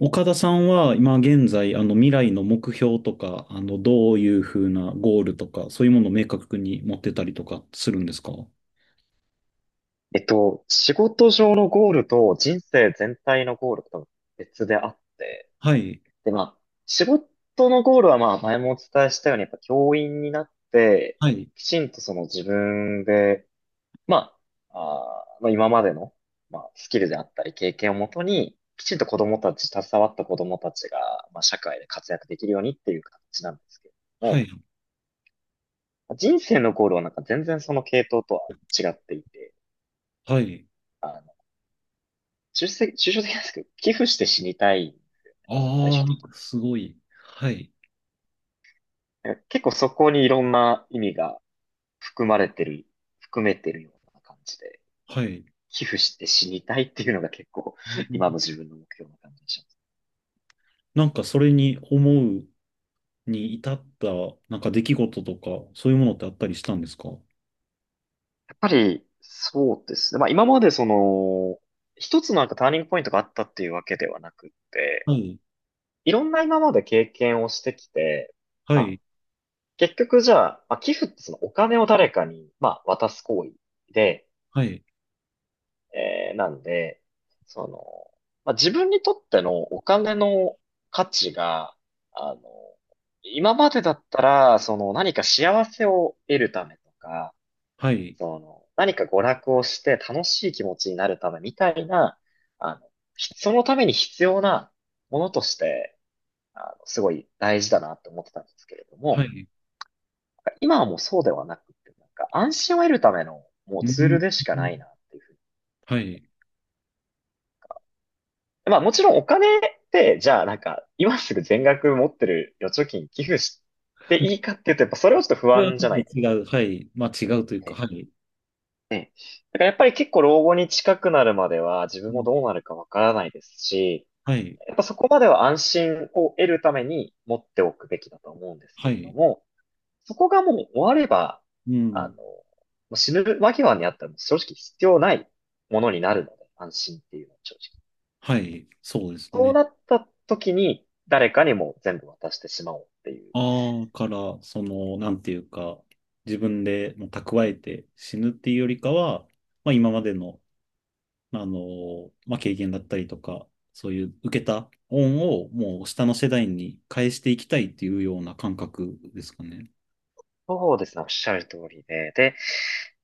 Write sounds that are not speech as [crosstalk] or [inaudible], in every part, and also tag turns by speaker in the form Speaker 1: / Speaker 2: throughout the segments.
Speaker 1: 岡田さんは今現在、未来の目標とか、どういうふうなゴールとか、そういうものを明確に持ってたりとかするんですか？
Speaker 2: 仕事上のゴールと人生全体のゴールと多分別であって、
Speaker 1: はい、
Speaker 2: で、まあ、仕事のゴールは前もお伝えしたように、やっぱ教員になって、
Speaker 1: はい、
Speaker 2: きちんとその自分で、まあ、今までの、スキルであったり経験をもとに、きちんと子供たち、携わった子供たちが、社会で活躍できるようにっていう形なんですけれど
Speaker 1: は
Speaker 2: も、
Speaker 1: い、
Speaker 2: 人生のゴールはなんか全然その系統とは違っていて、
Speaker 1: はい。
Speaker 2: 抽象的なんですけど、寄付して死にたい、最
Speaker 1: あ
Speaker 2: 終的に。
Speaker 1: あ、すごい。はい、
Speaker 2: なんか結構そこにいろんな意味が含まれてる、含めてるような感じで、
Speaker 1: はい。
Speaker 2: 寄付して死にたいっていうのが結構、
Speaker 1: う
Speaker 2: [laughs]
Speaker 1: ん、
Speaker 2: 今の自分の目標な感じでします。
Speaker 1: なんかそれに思うに至った、なんか出来事とか、そういうものってあったりしたんですか？は
Speaker 2: やっぱり、そうですね。今までその、一つのなんかターニングポイントがあったっていうわけではなくって、
Speaker 1: い、
Speaker 2: いろんな今まで経験をしてきて、
Speaker 1: は
Speaker 2: まあ
Speaker 1: い、
Speaker 2: 結局じゃあ、まあ、寄付ってそのお金を誰かに、まあ渡す行為で、
Speaker 1: はい、
Speaker 2: なんで、その、自分にとってのお金の価値が、あの、今までだったら、その何か幸せを得るためとか、
Speaker 1: はい、
Speaker 2: その何か娯楽をして楽しい気持ちになるためみたいな、あの、そのために必要なものとして、すごい大事だなって思ってたんですけれど
Speaker 1: は
Speaker 2: も、
Speaker 1: い。
Speaker 2: 今はもうそうではなくて、なんか安心を得るためのもう
Speaker 1: う
Speaker 2: ツール
Speaker 1: ん、
Speaker 2: でしかないなっていうふうに。
Speaker 1: はい。
Speaker 2: まあもちろんお金って、じゃあなんか、今すぐ全額持ってる預貯金寄付していいかっていうと、やっぱそれはちょっと不
Speaker 1: それは
Speaker 2: 安
Speaker 1: ちょ
Speaker 2: じゃな
Speaker 1: っ
Speaker 2: いで
Speaker 1: と
Speaker 2: す
Speaker 1: 違
Speaker 2: か。
Speaker 1: う。はい。まあ違うというか、
Speaker 2: ね
Speaker 1: はい。
Speaker 2: ね。だからやっぱり結構老後に近くなるまでは自
Speaker 1: う
Speaker 2: 分も
Speaker 1: ん、
Speaker 2: どうなるかわからないですし、
Speaker 1: はい。
Speaker 2: やっぱそこまでは安心を得るために持っておくべきだと思うんですけ
Speaker 1: は
Speaker 2: れど
Speaker 1: い。
Speaker 2: も、そこがもう終われば、
Speaker 1: うん。
Speaker 2: もう死ぬ間際にあったらもう正直必要ないものになるので、安心っていうのは正直。
Speaker 1: はい。そうです
Speaker 2: そう
Speaker 1: ね。
Speaker 2: なった時に、誰かにもう全部渡してしまおうっていう。
Speaker 1: ああ、から、その、なんていうか、自分でもう蓄えて死ぬっていうよりかは、まあ今までの、まあ経験だったりとか、そういう受けた恩をもう下の世代に返していきたいっていうような感覚ですかね。
Speaker 2: そうですね、おっしゃる通りで。で、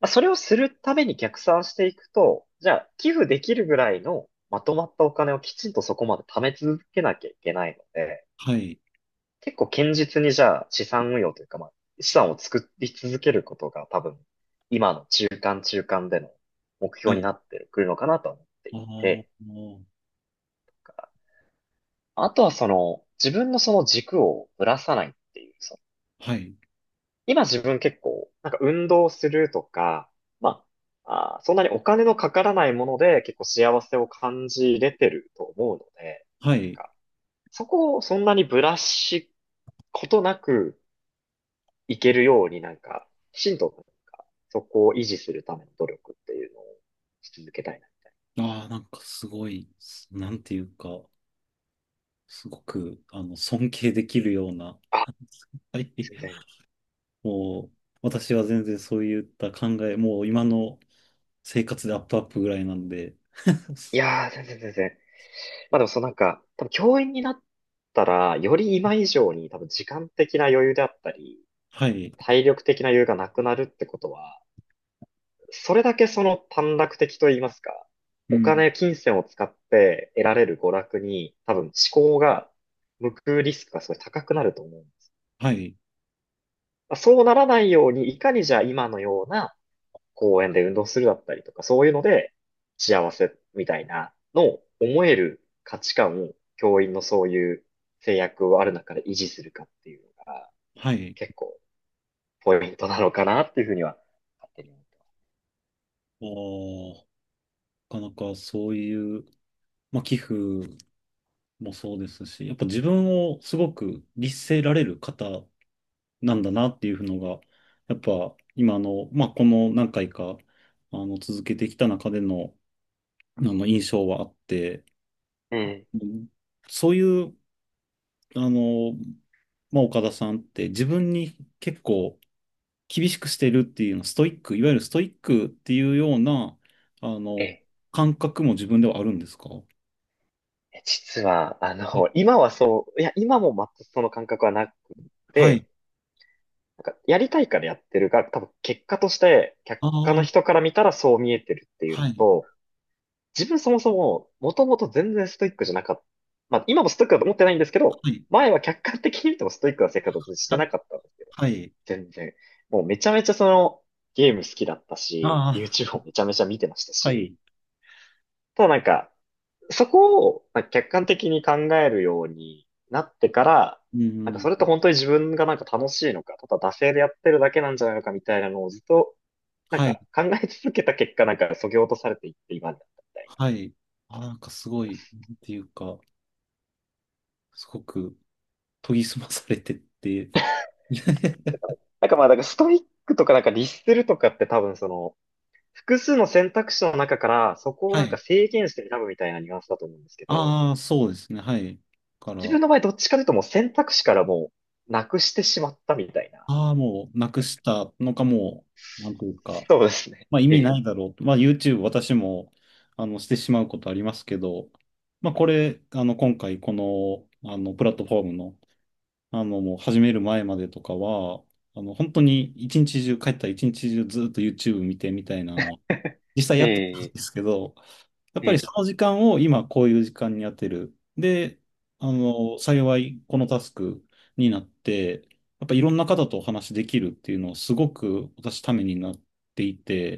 Speaker 2: まあ、それをするために逆算していくと、じゃあ、寄付できるぐらいのまとまったお金をきちんとそこまで貯め続けなきゃいけないので、
Speaker 1: はい。
Speaker 2: 結構堅実にじゃあ資産運用というか、まあ、資産を作り続けることが多分、今の中間での目
Speaker 1: は
Speaker 2: 標に
Speaker 1: い。
Speaker 2: なってくるのかなと思って
Speaker 1: あ
Speaker 2: いて、
Speaker 1: あ、
Speaker 2: あとはその、自分のその軸をぶらさないっていう、
Speaker 1: はい。
Speaker 2: 今自分結構、なんか運動するとか、まそんなにお金のかからないもので結構幸せを感じれてると思うので、
Speaker 1: はい。
Speaker 2: なんかそこをそんなにブラシことなくいけるようになんか、きちんとなんかそこを維持するための努力っていうのをし続けたいなみたい
Speaker 1: ああ、なんかすごい、なんていうか、すごく、尊敬できるような、
Speaker 2: な。あ、
Speaker 1: [laughs] はい。
Speaker 2: 全然。
Speaker 1: もう、私は全然そういった考え、もう今の生活でアップアップぐらいなんで。
Speaker 2: い
Speaker 1: [laughs]
Speaker 2: やー、全然。まあでもそのなんか、多分教員になったら、より今以上に多分時間的な余裕であったり、
Speaker 1: はい。
Speaker 2: 体力的な余裕がなくなるってことは、それだけその短絡的と言いますか、
Speaker 1: うん。
Speaker 2: 金銭を使って得られる娯楽に、多分思考が向くリスクがすごい高くなると思うんです。
Speaker 1: はい。
Speaker 2: まあそうならないように、いかにじゃあ今のような公園で運動するだったりとか、そういうので幸せみたいなのを思える価値観を教員のそういう制約をある中で維持するかっていうのが
Speaker 1: はい。
Speaker 2: 結構ポイントなのかなっていうふうには勝手に思ってます。
Speaker 1: まあー、なかなかそういう、まあ、寄付もそうですし、やっぱ自分をすごく律せられる方なんだなっていうのが、やっぱ今の、まあ、この何回か、続けてきた中での、印象はあって、
Speaker 2: うん。
Speaker 1: うん、そういうあの、まあ、岡田さんって自分に結構厳しくしてるっていうの、ストイック、いわゆるストイックっていうような、あの、
Speaker 2: え
Speaker 1: 感覚も自分ではあるんですか？
Speaker 2: え、実は、
Speaker 1: え
Speaker 2: 今はそう、いや、今も全くその感覚はなく
Speaker 1: はい。
Speaker 2: て、なんか、やりたいからやってるが、多分結果として、
Speaker 1: あ
Speaker 2: 他の
Speaker 1: あ、
Speaker 2: 人から見たらそう見えてるっていう
Speaker 1: は
Speaker 2: の
Speaker 1: い、
Speaker 2: と、自分そもそも、もともと全然ストイックじゃなかった。まあ、今もストイックだと思ってないんですけど、
Speaker 1: はい、
Speaker 2: 前は客観的に見てもストイックな生活を
Speaker 1: [laughs]
Speaker 2: して
Speaker 1: あ、
Speaker 2: なかったんですけど、
Speaker 1: はい、
Speaker 2: 全然。もうめちゃめちゃその、ゲーム好きだったし、
Speaker 1: あ
Speaker 2: YouTube
Speaker 1: あ、
Speaker 2: もめちゃめちゃ見てました
Speaker 1: は
Speaker 2: し、
Speaker 1: い、
Speaker 2: ただなんか、そこをなんか客観的に考えるようになってから、
Speaker 1: う
Speaker 2: なんか
Speaker 1: ん、
Speaker 2: それって本当に自分がなんか楽しいのか、ただ惰性でやってるだけなんじゃないのかみたいなのをずっとなん
Speaker 1: はい、
Speaker 2: か考え続けた結果なんか削ぎ落とされていって今になったみたいな。
Speaker 1: はい。あー、なんかすごい、なんていうか、すごく研ぎ澄まされてって、[laughs]
Speaker 2: なんかまあなんからストイックとかなんか律するとかって多分その複数の選択肢の中からそこを
Speaker 1: は
Speaker 2: なんか
Speaker 1: い。
Speaker 2: 制限して選ぶみたいなニュアンスだと思うんですけど、
Speaker 1: ああ、そうですね、はい。か
Speaker 2: 自
Speaker 1: ら、
Speaker 2: 分の場合どっちかというともう選択肢からもうなくしてしまったみたいな。
Speaker 1: ああ、もうなくしたのかもう、なんというか、
Speaker 2: そうですね。
Speaker 1: まあ意
Speaker 2: え
Speaker 1: 味
Speaker 2: え、
Speaker 1: ないだろうと。まあ YouTube 私も、してしまうことありますけど、まあこれ、今回この、プラットフォームの、もう始める前までとかは、本当に一日中、帰ったら一日中ずっと YouTube 見てみたいなのは、実際
Speaker 2: え
Speaker 1: やってたん
Speaker 2: え、
Speaker 1: ですけど、やっ
Speaker 2: え
Speaker 1: ぱりそ
Speaker 2: え。
Speaker 1: の時間を今こういう時間に当てる。で、幸いこのタスクになって、やっぱいろんな方とお話できるっていうのはすごく私ためになっていて、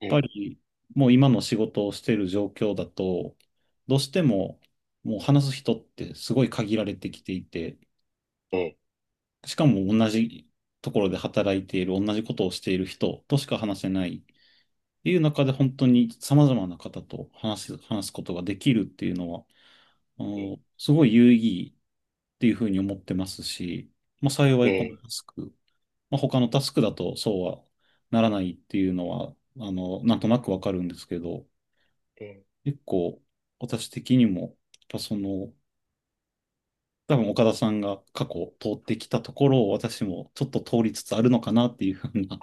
Speaker 2: え
Speaker 1: っぱ
Speaker 2: え、
Speaker 1: りもう今の仕事をしている状況だと、どうしてももう話す人ってすごい限られてきていて、
Speaker 2: ええ、
Speaker 1: しかも同じところで働いている、同じことをしている人としか話せないっていう中で本当に様々な方と話すことができるっていうのは、あ
Speaker 2: え
Speaker 1: のすごい有意義っていうふうに思ってますし、まあ、幸いこの
Speaker 2: え、
Speaker 1: タスク、まあ、他のタスクだとそうはならないっていうのは、なんとなくわかるんですけど、
Speaker 2: え
Speaker 1: 結構私的にも、やっぱその、多分岡田さんが過去通ってきたところを私もちょっと通りつつあるのかなっていうふうな、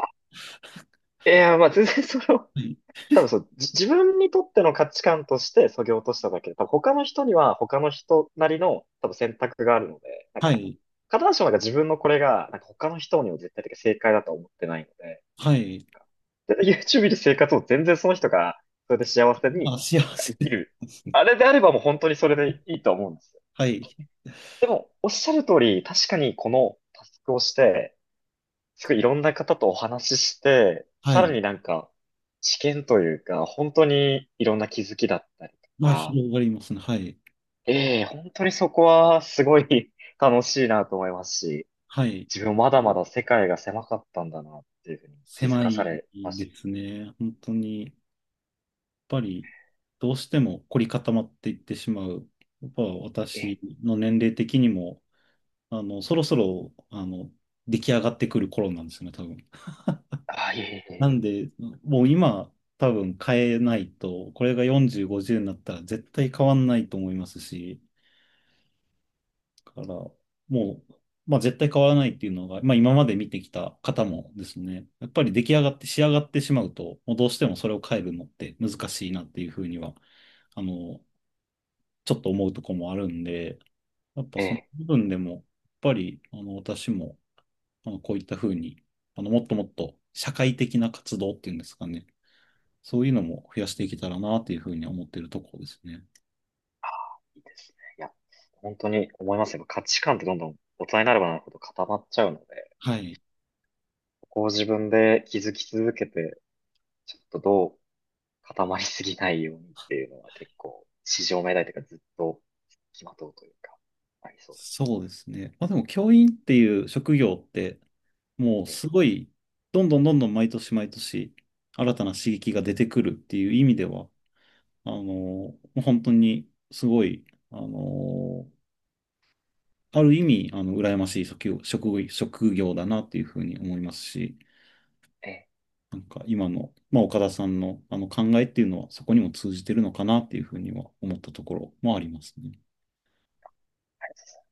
Speaker 2: え。いや、まあ全然その、
Speaker 1: はい、
Speaker 2: 多分そう、自分にとっての価値観としてそぎ落としただけで、多分他の人には他の人なりの多分選択があるので、なん
Speaker 1: は
Speaker 2: か、
Speaker 1: い、
Speaker 2: 必ずしもなんか自分のこれが、なんか他の人にも絶対的に正解だとは思ってないので、
Speaker 1: はい、
Speaker 2: なんかで YouTube で生活を全然その人が、それで幸せ
Speaker 1: ま
Speaker 2: に、
Speaker 1: あ、幸
Speaker 2: なんか
Speaker 1: せ、
Speaker 2: 生きる。あれであればもう本当にそれでいいと思うんですよ。
Speaker 1: はい、
Speaker 2: おっしゃる通り、確かにこのタスクをして、すごいいろんな方とお話しして、
Speaker 1: は
Speaker 2: さら
Speaker 1: い、
Speaker 2: になんか、知見というか、本当にいろんな気づきだったりと
Speaker 1: まあ
Speaker 2: か、
Speaker 1: 広がりますね、はい、
Speaker 2: ええ、本当にそこはすごい [laughs] 楽しいなと思いますし、
Speaker 1: はい、
Speaker 2: 自分まだまだ世界が狭かったんだなっていうふうに気づ
Speaker 1: 狭
Speaker 2: かさ
Speaker 1: い
Speaker 2: れまし
Speaker 1: で
Speaker 2: た。
Speaker 1: すね、本当に。ぱり、どうしても凝り固まっていってしまう。やっぱ
Speaker 2: え
Speaker 1: 私
Speaker 2: え、
Speaker 1: の年齢的にも、そろそろ、出来上がってくる頃なんですよね、多分。
Speaker 2: あ、いえい
Speaker 1: なん
Speaker 2: え、
Speaker 1: で、もう今、多分変えないと、これが40、50になったら絶対変わんないと思いますし、だから、もう、まあ絶対変わらないっていうのが、まあ今まで見てきた方もですね、やっぱり出来上がって、仕上がってしまうと、もうどうしてもそれを変えるのって難しいなっていうふうには、あの、ちょっと思うとこもあるんで、やっぱ
Speaker 2: え
Speaker 1: その
Speaker 2: え、
Speaker 1: 部分でも、やっぱり、私も、こういったふうに、もっともっと社会的な活動っていうんですかね。そういうのも増やしていけたらなっていうふうに思っているところですね。
Speaker 2: いいですね。いや、本当に思いますよ。価値観ってどんどん大人になればなるほど固まっちゃうので、
Speaker 1: はい。
Speaker 2: ここを自分で気づき続けて、ちょっとどう固まりすぎないようにっていうのは結構、市場命題というかずっと付きまとうというか、ありそうです。
Speaker 1: そうですね。まあでも、教員っていう職業って、もう
Speaker 2: ええ、
Speaker 1: すごい、どんどんどんどん毎年毎年、新たな刺激が出てくるっていう意味では、もう本当にすごい、あの、ある意味、羨ましい職業だなっていうふうに思いますし、
Speaker 2: ええ、
Speaker 1: なんか今の、まあ、岡田さんのあの考えっていうのはそこにも通じてるのかなっていうふうには思ったところもありますね。
Speaker 2: ありがとうございます。